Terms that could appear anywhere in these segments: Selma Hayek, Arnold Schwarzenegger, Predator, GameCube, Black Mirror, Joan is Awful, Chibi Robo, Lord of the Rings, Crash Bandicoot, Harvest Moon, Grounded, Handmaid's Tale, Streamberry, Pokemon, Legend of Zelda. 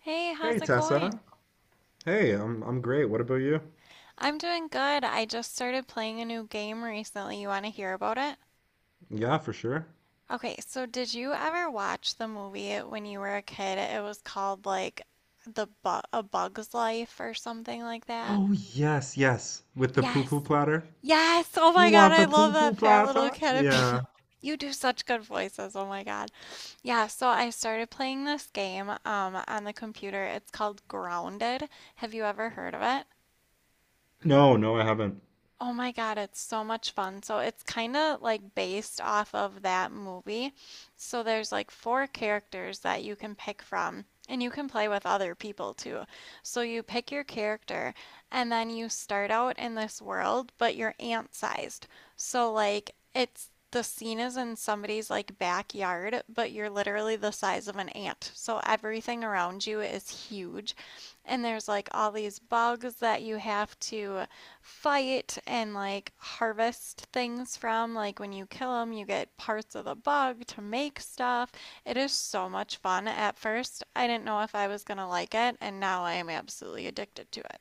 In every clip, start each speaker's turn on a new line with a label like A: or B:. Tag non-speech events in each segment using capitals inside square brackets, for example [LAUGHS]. A: Hey,
B: Hey
A: how's it
B: Tessa.
A: going?
B: Hey, I'm great. What about you?
A: I'm doing good. I just started playing a new game recently. You want to hear about it?
B: Yeah, for sure.
A: Okay, so did you ever watch the movie when you were a kid? It was called like The Bu A Bug's Life or something like that.
B: Oh yes, yes. With the
A: Yes.
B: poo-poo platter.
A: Yes. Oh
B: You
A: my God,
B: want
A: I
B: the
A: love that
B: poo-poo
A: fat little
B: platter?
A: caterpillar.
B: Yeah.
A: [LAUGHS] You do such good voices. Oh my God. Yeah, so I started playing this game on the computer. It's called Grounded. Have you ever heard of it?
B: No, no, I haven't.
A: Oh my God, it's so much fun. So it's kind of like based off of that movie. So there's like four characters that you can pick from, and you can play with other people too. So you pick your character, and then you start out in this world, but you're ant-sized. So like it's the scene is in somebody's like backyard, but you're literally the size of an ant. So everything around you is huge. And there's like all these bugs that you have to fight and like harvest things from. Like when you kill them, you get parts of the bug to make stuff. It is so much fun. At first, I didn't know if I was gonna like it, and now I am absolutely addicted to it.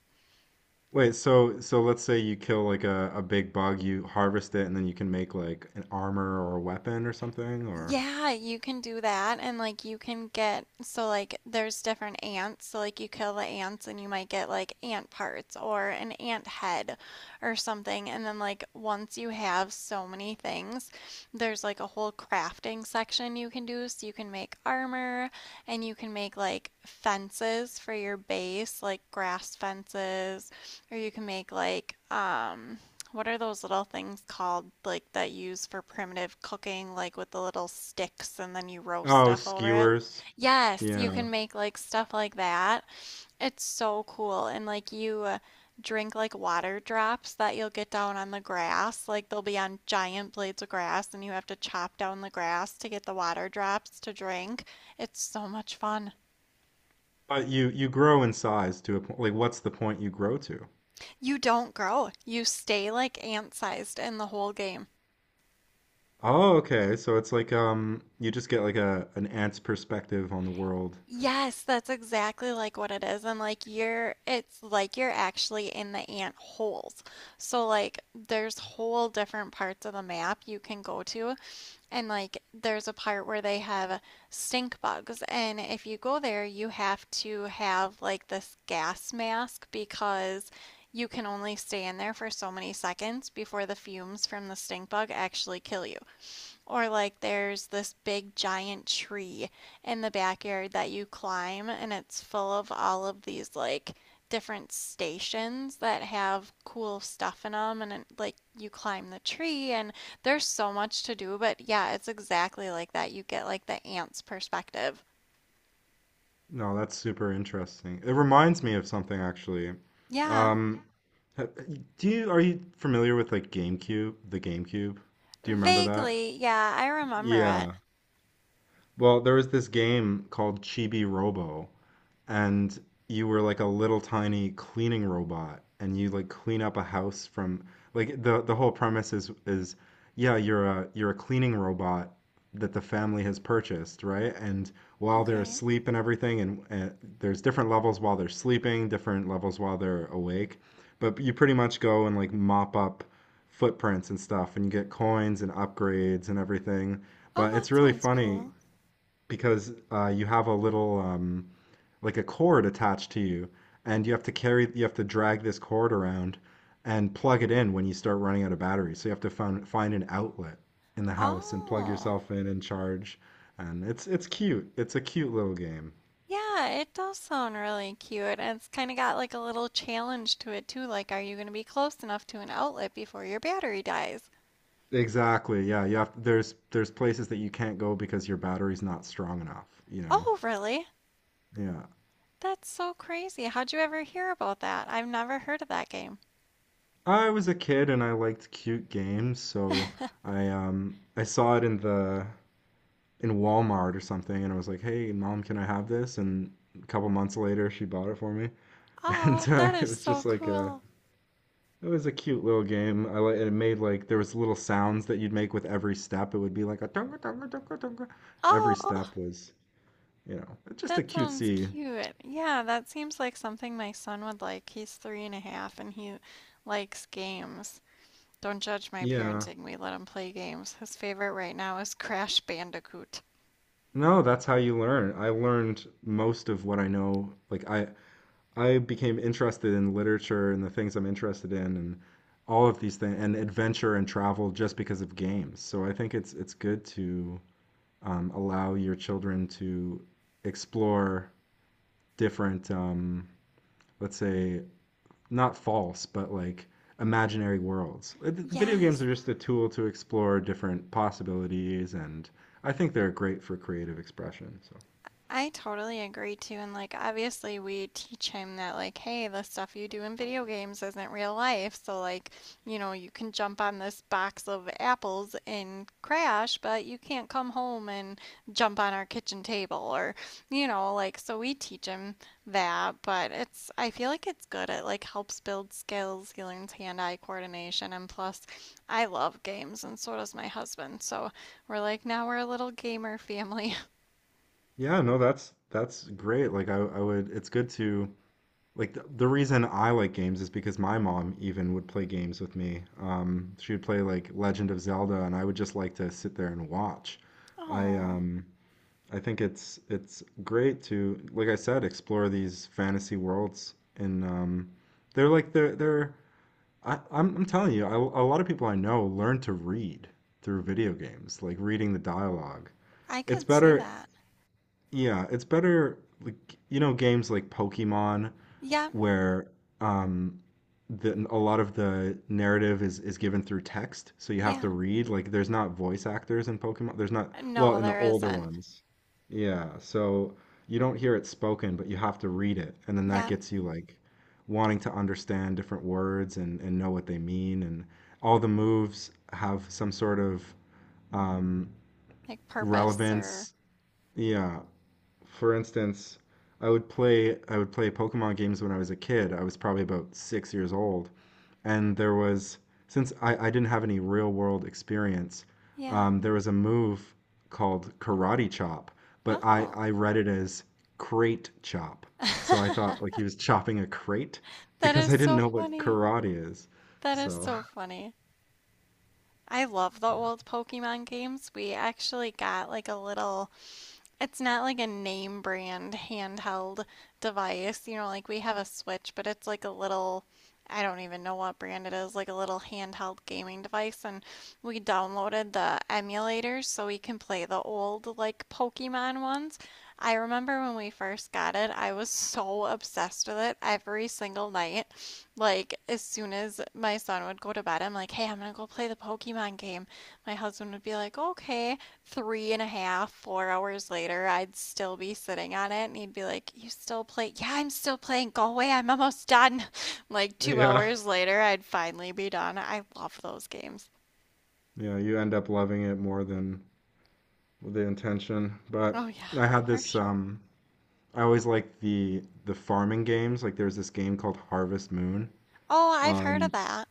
B: Wait, so let's say you kill like a big bug, you harvest it, and then you can make like an armor or a weapon or something, or
A: Yeah, you can do that and like you can get so like there's different ants. So like you kill the ants and you might get like ant parts or an ant head or something. And then like once you have so many things, there's like a whole crafting section you can do. So you can make armor and you can make like fences for your base, like grass fences, or you can make like what are those little things called, like that you use for primitive cooking, like with the little sticks and then you roast
B: oh,
A: stuff over it?
B: skewers.
A: Yes, you
B: Yeah.
A: can make like stuff like that. It's so cool. And like you drink like water drops that you'll get down on the grass. Like they'll be on giant blades of grass and you have to chop down the grass to get the water drops to drink. It's so much fun.
B: But you grow in size to a point. Like, what's the point you grow to?
A: You don't grow. You stay like ant-sized in the whole game.
B: Oh, okay. So it's like you just get like a an ant's perspective on the world.
A: Yes, that's exactly like what it is. And like you're, it's like you're actually in the ant holes. So like there's whole different parts of the map you can go to. And like there's a part where they have stink bugs. And if you go there, you have to have like this gas mask because you can only stay in there for so many seconds before the fumes from the stink bug actually kill you. Or like there's this big giant tree in the backyard that you climb and it's full of all of these like different stations that have cool stuff in them and it, like you climb the tree and there's so much to do, but yeah, it's exactly like that. You get like the ant's perspective.
B: No, that's super interesting. It reminds me of something actually.
A: Yeah,
B: Um, ha- do you are you familiar with like GameCube, the GameCube? Do you remember that?
A: vaguely. Yeah, I remember it.
B: Yeah. Well, there was this game called Chibi Robo, and you were like a little tiny cleaning robot, and you like clean up a house from like the whole premise is yeah, you're a cleaning robot that the family has purchased, right? And while they're
A: Okay.
B: asleep and everything, and there's different levels while they're sleeping, different levels while they're awake, but you pretty much go and like mop up footprints and stuff, and you get coins and upgrades and everything.
A: Oh,
B: But it's
A: that
B: really
A: sounds
B: funny
A: cool.
B: because you have a little like a cord attached to you, and you have to drag this cord around and plug it in when you start running out of battery. So you have to find an outlet in the house and plug
A: Oh.
B: yourself in and charge. And it's cute. It's a cute little game.
A: Yeah, it does sound really cute. And it's kind of got like a little challenge to it too. Like, are you going to be close enough to an outlet before your battery dies?
B: Exactly. Yeah, you have there's places that you can't go because your battery's not strong enough, you know.
A: Oh, really?
B: Yeah.
A: That's so crazy. How'd you ever hear about that? I've never heard of that game.
B: I was a kid and I liked cute games, so I saw it in the in Walmart or something, and I was like, "Hey, mom, can I have this?" And a couple months later, she bought it for me, [LAUGHS] and
A: Oh, that
B: it
A: is
B: was
A: so
B: just like a
A: cool.
B: it was a cute little game. I like it made like there was little sounds that you'd make with every step. It would be like a dunga dunga dunga dunga. Every
A: Oh,
B: step was, you know, just a
A: that sounds
B: cutesy.
A: cute. Yeah, that seems like something my son would like. He's three and a half and he likes games. Don't judge my
B: Yeah.
A: parenting. We let him play games. His favorite right now is Crash Bandicoot.
B: No, that's how you learn. I learned most of what I know. I became interested in literature and the things I'm interested in and all of these things and adventure and travel just because of games. So I think it's good to allow your children to explore different, let's say, not false, but like imaginary worlds. Video games
A: Yes,
B: are just a tool to explore different possibilities, and I think they're great for creative expression. So
A: I totally agree too, and like obviously we teach him that like, hey, the stuff you do in video games isn't real life. So like, you know, you can jump on this box of apples and crash, but you can't come home and jump on our kitchen table or, you know, like so we teach him that, but it's I feel like it's good. It like helps build skills. He learns hand-eye coordination, and plus, I love games, and so does my husband. So we're like now we're a little gamer family. [LAUGHS]
B: yeah, no, that's great. It's good to like the reason I like games is because my mom even would play games with me. She would play like Legend of Zelda, and I would just like to sit there and watch. I
A: Oh.
B: um, I think it's great to, like I said, explore these fantasy worlds, and they're like they're they're. I'm telling you, a lot of people I know learn to read through video games, like reading the dialogue.
A: I
B: It's
A: could see
B: better,
A: that.
B: yeah, it's better like you know games like Pokemon
A: Yeah.
B: where um, a lot of the narrative is given through text, so you have
A: Yeah.
B: to read. Like, there's not voice actors in Pokemon. There's not, well,
A: No,
B: in the
A: there
B: older
A: isn't.
B: ones. Yeah, so you don't hear it spoken, but you have to read it, and then that
A: Yeah.
B: gets you like wanting to understand different words and know what they mean, and all the moves have some sort of um,
A: Like purpose or
B: relevance. Yeah, for instance, I would play Pokemon games when I was a kid. I was probably about 6 years old, and there was since I didn't have any real world experience,
A: yeah.
B: there was a move called Karate Chop, but I
A: Oh.
B: I read it as Crate Chop, so I thought like
A: [LAUGHS]
B: he was chopping a crate
A: That
B: because
A: is
B: I didn't
A: so
B: know what
A: funny.
B: karate is.
A: That is
B: So
A: so funny. I love the old Pokemon games. We actually got like a little, it's not like a name brand handheld device. You know, like we have a Switch, but it's like a little, I don't even know what brand it is, like a little handheld gaming device. And we downloaded the emulators so we can play the old, like, Pokemon ones. I remember when we first got it, I was so obsessed with it every single night. Like, as soon as my son would go to bed, I'm like, hey, I'm gonna go play the Pokemon game. My husband would be like, okay three and a half, 4 hours later, I'd still be sitting on it, and he'd be like, "You still play? Yeah, I'm still playing. Go away. I'm almost done." [LAUGHS] Like two
B: [LAUGHS] yeah,
A: hours later, I'd finally be done. I love those games.
B: yeah, you end up loving it more than the intention. But
A: Oh yeah,
B: I had
A: for
B: this
A: sure.
B: um. I always like the farming games. Like there's this game called Harvest Moon.
A: Oh, I've heard of
B: Um,
A: that.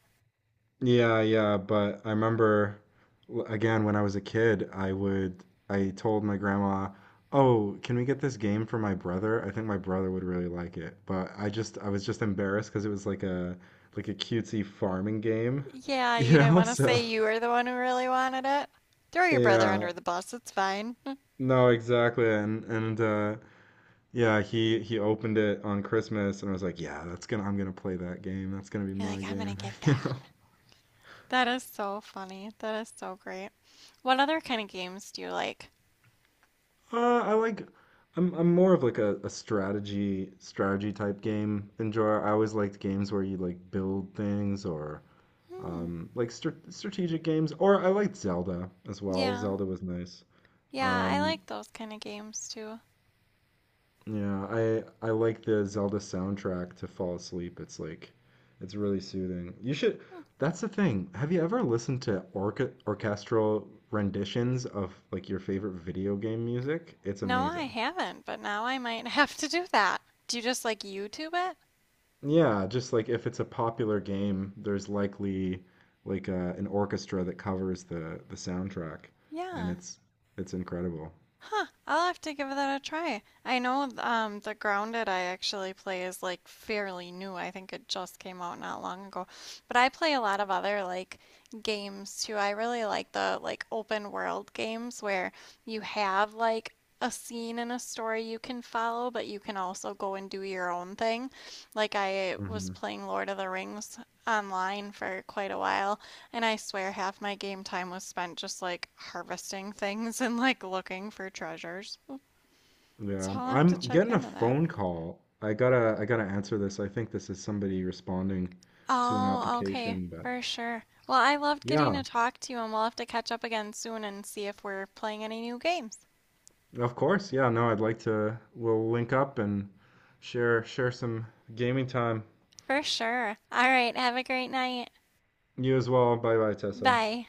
B: yeah, yeah, but I remember again when I was a kid, I told my grandma, "Oh, can we get this game for my brother? I think my brother would really like it." But I was just embarrassed because it was like a cutesy farming game, [LAUGHS]
A: Yeah,
B: you
A: you didn't
B: know?
A: want to
B: So,
A: say you were the one who really wanted it. Throw your brother
B: yeah.
A: under the bus. It's fine.
B: No, exactly. And Yeah, he opened it on Christmas, and I was like, "Yeah, that's gonna I'm gonna play that game. That's gonna be
A: You're like,
B: my
A: I'm gonna
B: game."
A: get
B: [LAUGHS] You
A: that.
B: know,
A: That is so funny. That is so great. What other kind of games do you like?
B: I like I'm more of like a strategy type game enjoyer. I always liked games where you like build things or
A: Hmm.
B: like strategic games, or I liked Zelda as well.
A: Yeah.
B: Zelda was nice.
A: Yeah, I
B: Um,
A: like those kind of games too.
B: Yeah, I like the Zelda soundtrack to fall asleep. It's like it's really soothing. You should
A: Hmm.
B: that's the thing. Have you ever listened to orca orchestral renditions of like your favorite video game music? It's
A: No, I
B: amazing.
A: haven't, but now I might [LAUGHS] have to do that. Do you just like YouTube it?
B: Yeah, just like if it's a popular game, there's likely like an orchestra that covers the soundtrack and
A: Yeah.
B: it's incredible.
A: Huh, I'll have to give that a try. I know the Grounded I actually play is like fairly new. I think it just came out not long ago. But I play a lot of other like games too. I really like the like open world games where you have like a scene and a story you can follow, but you can also go and do your own thing. Like I was
B: Mm-hmm.
A: playing Lord of the Rings online for quite a while and I swear half my game time was spent just like harvesting things [LAUGHS] and like looking for treasures. So
B: Yeah,
A: I'll have to
B: I'm
A: check
B: getting a
A: into that.
B: phone call. I gotta answer this. I think this is somebody responding to an
A: Oh, okay,
B: application, but
A: for sure. Well, I loved getting
B: yeah,
A: to talk to you, and we'll have to catch up again soon and see if we're playing any new games.
B: of course. Yeah, no, I'd like to we'll link up and share some gaming time.
A: For sure. All right, have a great night.
B: You as well. Bye bye, Tessa.
A: Bye.